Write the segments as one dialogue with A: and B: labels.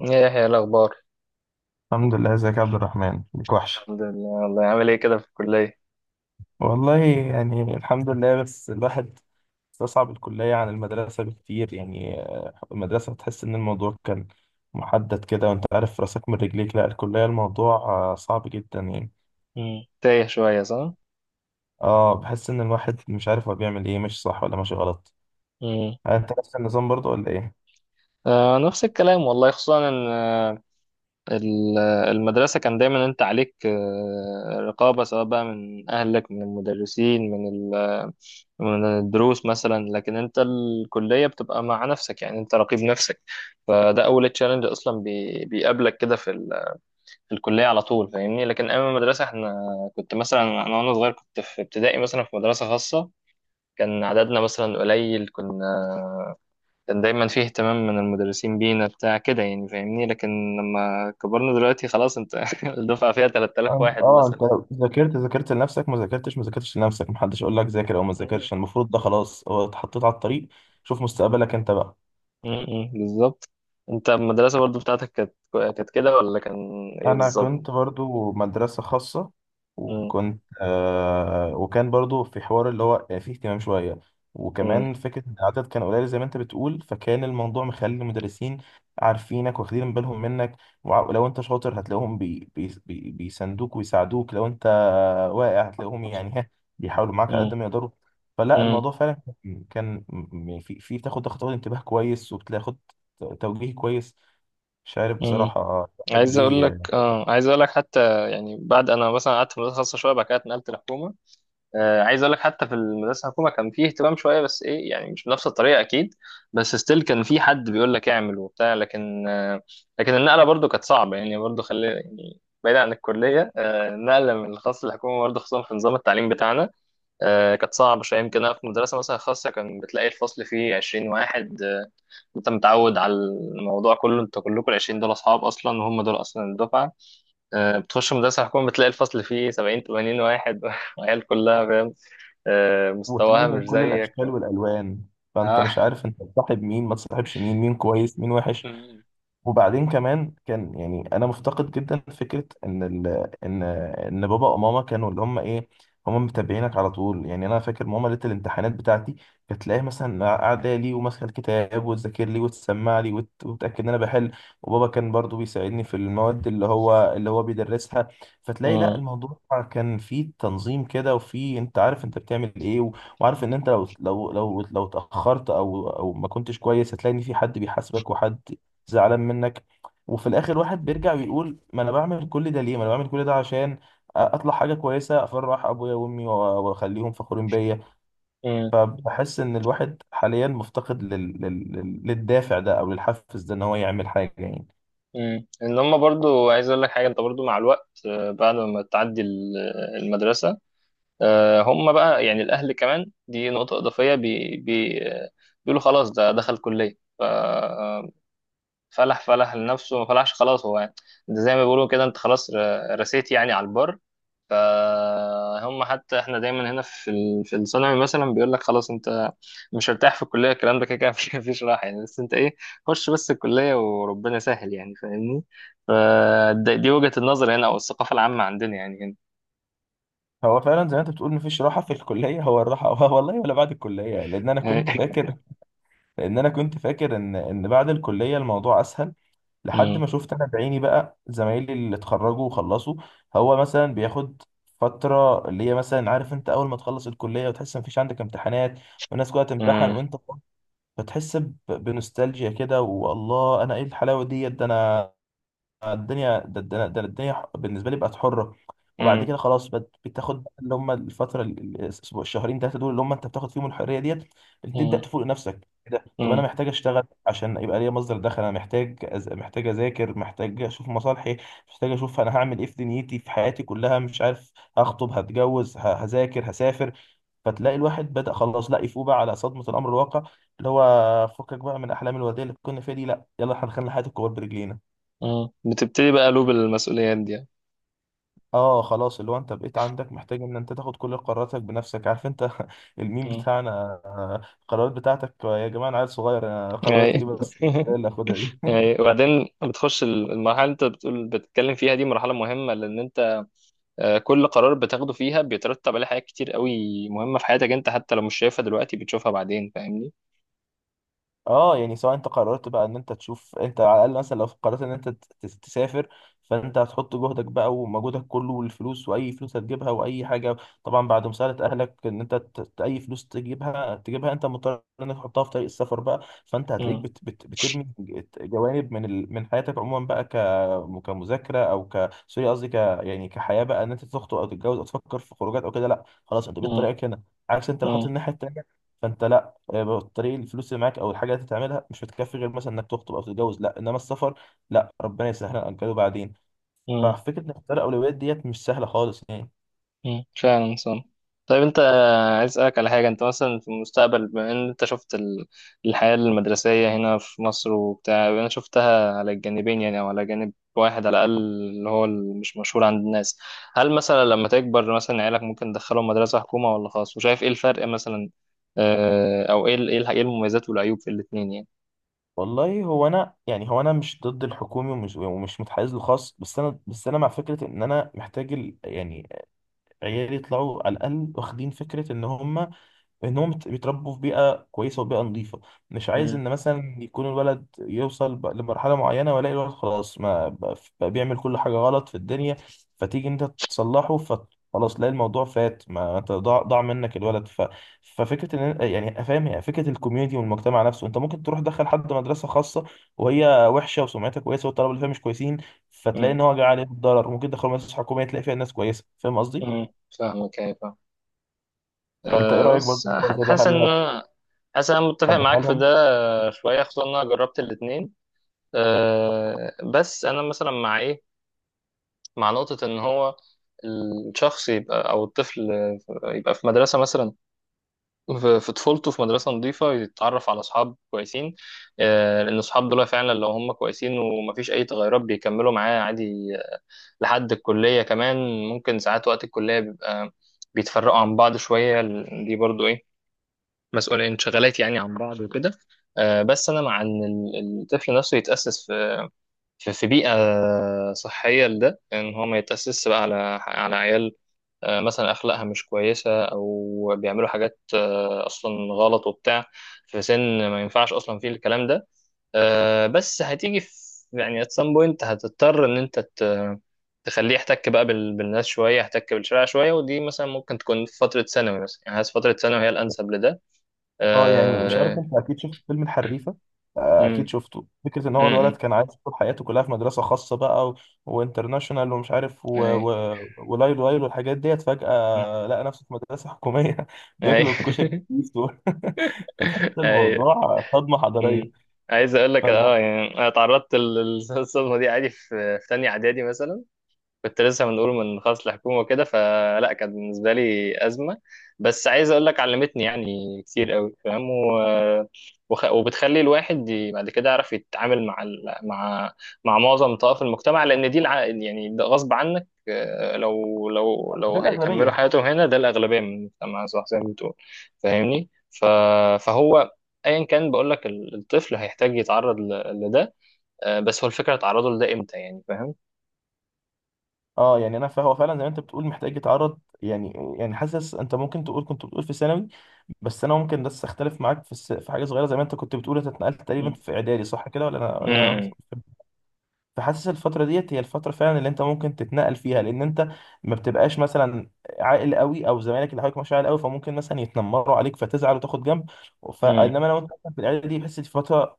A: ايه يا يحيى، إيه الاخبار؟
B: الحمد لله، ازيك يا عبد الرحمن؟ ليك وحش.
A: الحمد لله. والله عامل ايه كده في الكليه؟
B: والله يعني الحمد لله، بس الواحد استصعب الكلية عن المدرسة بكتير يعني. المدرسة تحس إن الموضوع كان محدد كده وأنت عارف راسك من رجليك، لا الكلية الموضوع صعب جدا يعني.
A: مم. تايه شويه، صح؟
B: اه، بحس إن الواحد مش عارف هو بيعمل إيه، مش صح ولا ماشي غلط.
A: امم.
B: أنت نفس النظام برضه ولا إيه؟
A: آه، نفس الكلام والله، خصوصا ان المدرسه كان دايما انت عليك رقابه، سواء بقى من اهلك، من المدرسين، من الدروس مثلا، لكن انت الكليه بتبقى مع نفسك، يعني انت رقيب نفسك. فده اول تشالنج اصلا بيقابلك كده في الكليه على طول، فاهمني. لكن ايام المدرسه، احنا كنت مثلا، انا وانا صغير كنت في ابتدائي مثلا، في مدرسه خاصه، كان عددنا مثلا قليل. كان دايما فيه اهتمام من المدرسين بينا، بتاع كده يعني، فاهمني. لكن لما كبرنا دلوقتي خلاص، انت الدفعة فيها 3000
B: اه.
A: واحد مثلا.
B: أنت لو ذاكرت ذاكرت لنفسك، ما ذاكرتش ما ذاكرتش لنفسك، محدش يقول لك ذاكر أو ما
A: مم.
B: ذاكرش، المفروض ده خلاص هو اتحطيت على الطريق. شوف مستقبلك أنت بقى.
A: مم. بالظبط. انت المدرسة برضو بتاعتك كانت كده، ولا كان ايه
B: انا
A: بالظبط؟
B: كنت برضو مدرسة خاصة،
A: مم.
B: وكنت آه وكان برضو في حوار اللي هو فيه اهتمام شوية.
A: مم.
B: وكمان فكرة ان العدد كان قليل زي ما انت بتقول، فكان الموضوع مخلي المدرسين عارفينك واخدين بالهم منك. ولو انت شاطر هتلاقوهم بي بي بي بيساندوك ويساعدوك، لو انت واقع هتلاقوهم يعني بيحاولوا معاك على قد
A: مم.
B: ما يقدروا. فلا،
A: مم.
B: الموضوع فعلا كان في بتاخد انتباه كويس وبتاخد توجيه كويس، مش عارف
A: مم.
B: بصراحة الواحد
A: عايز اقول لك
B: ليه.
A: اه عايز اقول لك حتى، يعني بعد، انا مثلا قعدت في مدرسة خاصة شوية، بعد كده اتنقلت لحكومة. عايز اقول لك حتى في المدرسه الحكومه كان فيه اهتمام شويه، بس ايه يعني، مش بنفس الطريقه اكيد، بس ستيل كان في حد بيقول لك اعمل وبتاع، لكن النقله برضو كانت صعبه، يعني برضو خلي يعني بعيد عن الكليه. النقله من الخاص للحكومه برضو، خصوصا في نظام التعليم بتاعنا، كانت صعبه شويه. يمكن انا في مدرسه مثلا خاصه، كان بتلاقي الفصل فيه 20 واحد، انت متعود على الموضوع كله، انت كلكم ال 20 دول اصحاب اصلا، وهم دول اصلا الدفعه. بتخش مدرسه حكومه، بتلاقي الفصل فيه 70 80 واحد وعيال كلها، فاهم،
B: وتلاقي
A: مستواها
B: من
A: مش
B: كل
A: زيك.
B: الاشكال والالوان، فانت
A: اه.
B: مش عارف انت تصاحب مين ما تصاحبش مين، مين كويس مين وحش.
A: مم.
B: وبعدين كمان كان يعني انا مفتقد جدا فكره ان ان بابا وماما كانوا اللي هم ايه، هم متابعينك على طول. يعني انا فاكر ماما ليله الامتحانات بتاعتي كانت تلاقيها مثلا قاعده لي وماسكه الكتاب وتذاكر لي وتسمع لي وتاكد ان انا بحل. وبابا كان برضو بيساعدني في المواد اللي هو بيدرسها. فتلاقي لا،
A: مم.
B: الموضوع كان فيه تنظيم كده، وفيه انت عارف انت بتعمل ايه، و... وعارف ان انت لو اتاخرت او ما كنتش كويس هتلاقي ان في حد بيحاسبك وحد زعلان منك. وفي الاخر واحد بيرجع ويقول ما انا بعمل كل ده ليه، ما انا بعمل كل ده عشان اطلع حاجه كويسه، افرح ابويا وامي واخليهم فخورين بيا.
A: مم.
B: فبحس ان الواحد حاليا مفتقد للدافع ده او للحفز ده، ان هو يعمل حاجه يعني.
A: مم. ان هم برضو عايز اقول لك حاجه، انت برضو مع الوقت، بعد ما تعدي المدرسه، هم بقى، يعني الاهل كمان، دي نقطه اضافيه، بي بي آه، بيقولوا خلاص ده دخل كليه، فلح فلح لنفسه، ما فلحش خلاص هو يعني. ده زي ما بيقولوا كده، انت خلاص رسيت يعني على البر. فهم حتى احنا دايما هنا في الثانوي مثلا، بيقول لك خلاص انت مش هرتاح في الكليه، الكلام ده كده كده مفيش راحه يعني، بس انت ايه، خش بس الكليه وربنا سهل، يعني فاهمني. فدي وجهه النظر هنا، او الثقافه العامه عندنا يعني.
B: هو فعلا زي ما انت بتقول مفيش راحه في الكليه، هو الراحه هو والله ولا بعد الكليه،
A: هنا.
B: لان انا كنت فاكر ان بعد الكليه الموضوع اسهل، لحد
A: مم.
B: ما شفت انا بعيني بقى زمايلي اللي اتخرجوا وخلصوا. هو مثلا بياخد فترة اللي هي مثلا، عارف انت، اول ما تخلص الكلية وتحس مفيش عندك امتحانات والناس كلها تمتحن
A: مم.
B: وانت فاضي، فتحس بنوستالجيا كده، والله انا ايه الحلاوة ديت، ده انا الدنيا ده الدنيا بالنسبه لي بقت حره. وبعد
A: مم.
B: كده خلاص بتاخد اللي هم الفتره الاسبوع الشهرين ثلاثه، دول اللي هم انت بتاخد فيهم الحريه ديت، تبدا
A: مم.
B: تفوق نفسك. كده طب، انا
A: مم.
B: محتاج اشتغل عشان يبقى ليا مصدر دخل، انا محتاج محتاج اذاكر محتاج اشوف مصالحي، محتاج اشوف انا هعمل ايه في دنيتي في حياتي كلها، مش عارف هخطب هتجوز هذاكر هسافر. فتلاقي الواحد بدأ خلاص لا يفوق بقى على صدمة الأمر الواقع، اللي هو فكك بقى من أحلام الوردية اللي كنا فيها دي، لا يلا احنا دخلنا حياة الكبار برجلينا.
A: مم. بتبتدي بقى قلوب المسؤوليات دي يعني.
B: اه خلاص، اللي هو انت بقيت عندك محتاج ان انت تاخد كل قراراتك بنفسك، عارف انت الميم
A: مم.
B: بتاعنا، القرارات بتاعتك، يا جماعه انا عيل صغير، قرارات
A: أي.
B: ايه بس، إيه اللي اخدها دي.
A: أي. وبعدين بتخش المرحله اللي انت بتقول بتتكلم فيها، دي مرحله مهمه، لان انت كل قرار بتاخده فيها بيترتب عليه حاجات كتير قوي مهمة في حياتك انت، حتى لو مش شايفها دلوقتي بتشوفها بعدين، فاهمني.
B: اه يعني سواء انت قررت بقى ان انت تشوف انت على الاقل، مثلا لو قررت ان انت تسافر، فانت هتحط جهدك بقى ومجهودك كله والفلوس، واي فلوس هتجيبها واي حاجه، طبعا بعد مساعده اهلك، ان انت اي فلوس تجيبها تجيبها، انت مضطر انك تحطها في طريق السفر بقى. فانت هتلاقيك
A: مم.
B: بت بت بترمي جوانب من حياتك عموما بقى، كمذاكره او ك سوري قصدي يعني كحياه بقى، ان انت تخطب او تتجوز او تفكر في خروجات او كده، لا خلاص انت بقيت طريقك هنا، عكس انت لو حاطط
A: مم.
B: الناحيه التانيه فانت لا. بالطريق الفلوس اللي معاك او الحاجه اللي تعملها مش هتكفي غير مثلا انك تخطب او تتجوز، لا انما السفر لا، ربنا يسهلها نأجله بعدين.
A: مم.
B: ففكره نختار الاولويات ديت مش سهله خالص يعني.
A: مم. فعلا صح. طيب انت، عايز اسالك على حاجه. انت مثلا في المستقبل، بما ان انت شفت الحياه المدرسيه هنا في مصر وبتاع، انا شفتها على الجانبين، يعني او على جانب واحد على الاقل، اللي هو مش مشهور عند الناس. هل مثلا لما تكبر مثلا عيالك ممكن تدخلهم مدرسه حكومه ولا خاص؟ وشايف ايه الفرق مثلا، او ايه إيه المميزات والعيوب في الاثنين يعني؟
B: والله، هو انا مش ضد الحكومي ومش متحيز للخاص، بس انا مع فكره ان انا محتاج يعني عيالي يطلعوا على الاقل واخدين فكره ان هم انهم بيتربوا في بيئه كويسه وبيئه نظيفه. مش عايز
A: امم.
B: ان مثلا يكون الولد يوصل لمرحله معينه والاقي الولد خلاص، ما بقى بيعمل كل حاجه غلط في الدنيا. فتيجي انت تصلحه فخلاص تلاقي الموضوع فات، ما انت ضاع منك الولد ففكره ان، يعني فاهم، يعني فكره الكوميونتي والمجتمع نفسه، انت ممكن تروح تدخل حد مدرسه خاصه وهي وحشه وسمعتها كويسه والطلبه اللي فيها مش كويسين، فتلاقي ان هو جاي عليه الضرر. ممكن تدخل مدرسه حكوميه تلاقي فيها ناس كويسه، فاهم قصدي.
A: امم. فاهمك. أيوة، فاهم.
B: فانت ايه رايك برضه
A: بص،
B: في الحوار ده، هل
A: حاسس ان انا متفق معاك في
B: هتدخلهم؟
A: ده. شويه، خصوصا ان انا جربت الاثنين. بس انا مثلا مع ايه، مع نقطه ان هو الشخص يبقى، او الطفل، يبقى في مدرسه مثلا، في طفولته، في مدرسه نظيفه، يتعرف على اصحاب كويسين، لان الاصحاب دول فعلا لو هم كويسين ومفيش اي تغيرات، بيكملوا معاه عادي، لحد الكليه كمان. ممكن ساعات وقت الكليه بيبقى بيتفرقوا عن بعض شويه، دي برضو ايه، مسؤولين انشغالات يعني عن بعض وكده. بس انا مع ان الطفل نفسه يتاسس في بيئه صحيه، لده ان هو ما يتاسس بقى على عيال مثلا اخلاقها مش كويسه، او بيعملوا حاجات اصلا غلط وبتاع، في سن ما ينفعش اصلا فيه الكلام ده، بس هتيجي في، يعني at some point هتضطر ان انت تخليه يحتك بقى بالناس شويه، يحتك بالشارع شويه. ودي مثلا ممكن تكون في فتره ثانوي مثلا، يعني حاسس فتره ثانوي هي الانسب لده.
B: اه يعني مش عارف،
A: آه،
B: انت اكيد شفت فيلم الحريفه، اكيد
A: امم.
B: شفته. فكره ان هو الولد
A: امم.
B: كان عايز طول حياته كلها في مدرسه خاصه بقى وانترناشونال ومش عارف
A: اي.
B: ولايل وايل والحاجات ديت،
A: مم.
B: فجاه لقى نفسه في مدرسه حكوميه
A: اي.
B: بياكلوا الكشري دول، فتحس
A: اي.
B: الموضوع صدمه حضاريه.
A: امم. عايز اقول لك
B: فالم...
A: يعني، انا اتعرضت للصدمه دي عادي في تانية اعدادي مثلا، كنت لسه بنقول من خاص الحكومة وكده، فلا كانت بالنسبة لي أزمة، بس عايز أقول لك علمتني يعني كتير قوي، فاهم، وبتخلي الواحد بعد كده يعرف يتعامل مع معظم طوائف المجتمع، لأن دي يعني ده غصب عنك، لو لو
B: ده
A: لو هيكملوا
B: الاغلبيه.
A: حياتهم هنا، ده الأغلبية من المجتمع، صح زي ما بتقول، فاهمني، فهو ايا كان، بقول لك الطفل هيحتاج يتعرض لده. بس هو الفكرة، تعرضه لده امتى يعني، فاهم؟
B: اه يعني فهو فعلا زي ما انت بتقول محتاج يتعرض، يعني حاسس انت ممكن تقول كنت بتقول في ثانوي، بس انا ممكن بس اختلف معاك في في حاجه صغيره، زي ما انت كنت بتقول انت اتنقلت تقريبا في اعدادي صح كده ولا انا.
A: مم.
B: فحاسس الفترة ديت هي الفترة فعلا اللي انت ممكن تتنقل فيها، لان انت ما بتبقاش مثلا عاقل قوي او زمايلك اللي حواليك مش عاقل قوي، فممكن مثلا يتنمروا عليك فتزعل وتاخد جنب.
A: امم.
B: فانما لو انت مثلاً في العيله دي، بحس دي فترة،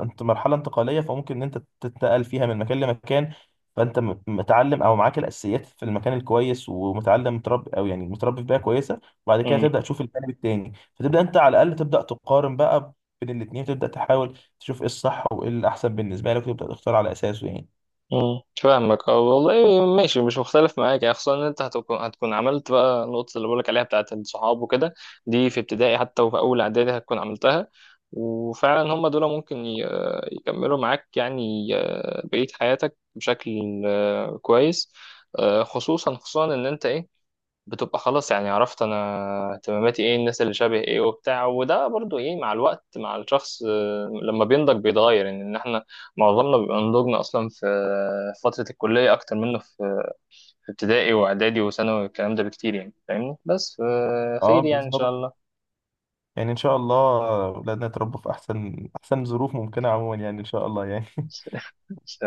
B: انت مرحلة انتقالية فممكن ان انت تتنقل فيها من مكان لمكان، فانت متعلم او معاك الاساسيات في المكان الكويس ومتعلم متربي او يعني متربي في بيئة كويسة، وبعد كده
A: امم.
B: تبدا تشوف الجانب التاني فتبدا انت على الاقل تبدا تقارن بقى بين الاتنين، تبدا تحاول تشوف ايه الصح وايه الاحسن بالنسبه لك وتبدا تختار على اساسه يعني.
A: امم. فاهمك، اه والله ماشي، مش مختلف معاك يعني، خصوصا ان انت هتكون عملت بقى النقطة اللي بقولك عليها بتاعت الصحاب وكده، دي في ابتدائي حتى، وفي اول اعدادي هتكون عملتها. وفعلا هم دول ممكن يكملوا معاك يعني بقية حياتك بشكل كويس، خصوصا خصوصا ان انت ايه، بتبقى خلاص يعني، عرفت انا اهتماماتي ايه، الناس اللي شبه ايه وبتاع، وده برضو ايه، مع الوقت مع الشخص، لما بينضج بيتغير. يعني ان احنا معظمنا بيبقى نضجنا اصلا في فترة الكلية، اكتر منه في ابتدائي واعدادي وثانوي والكلام ده بكتير، يعني فاهمني، بس
B: اه
A: خير يعني ان
B: بالظبط،
A: شاء الله.
B: يعني ان شاء الله اولادنا يتربوا في احسن احسن ظروف ممكنه عموما، يعني ان شاء الله يعني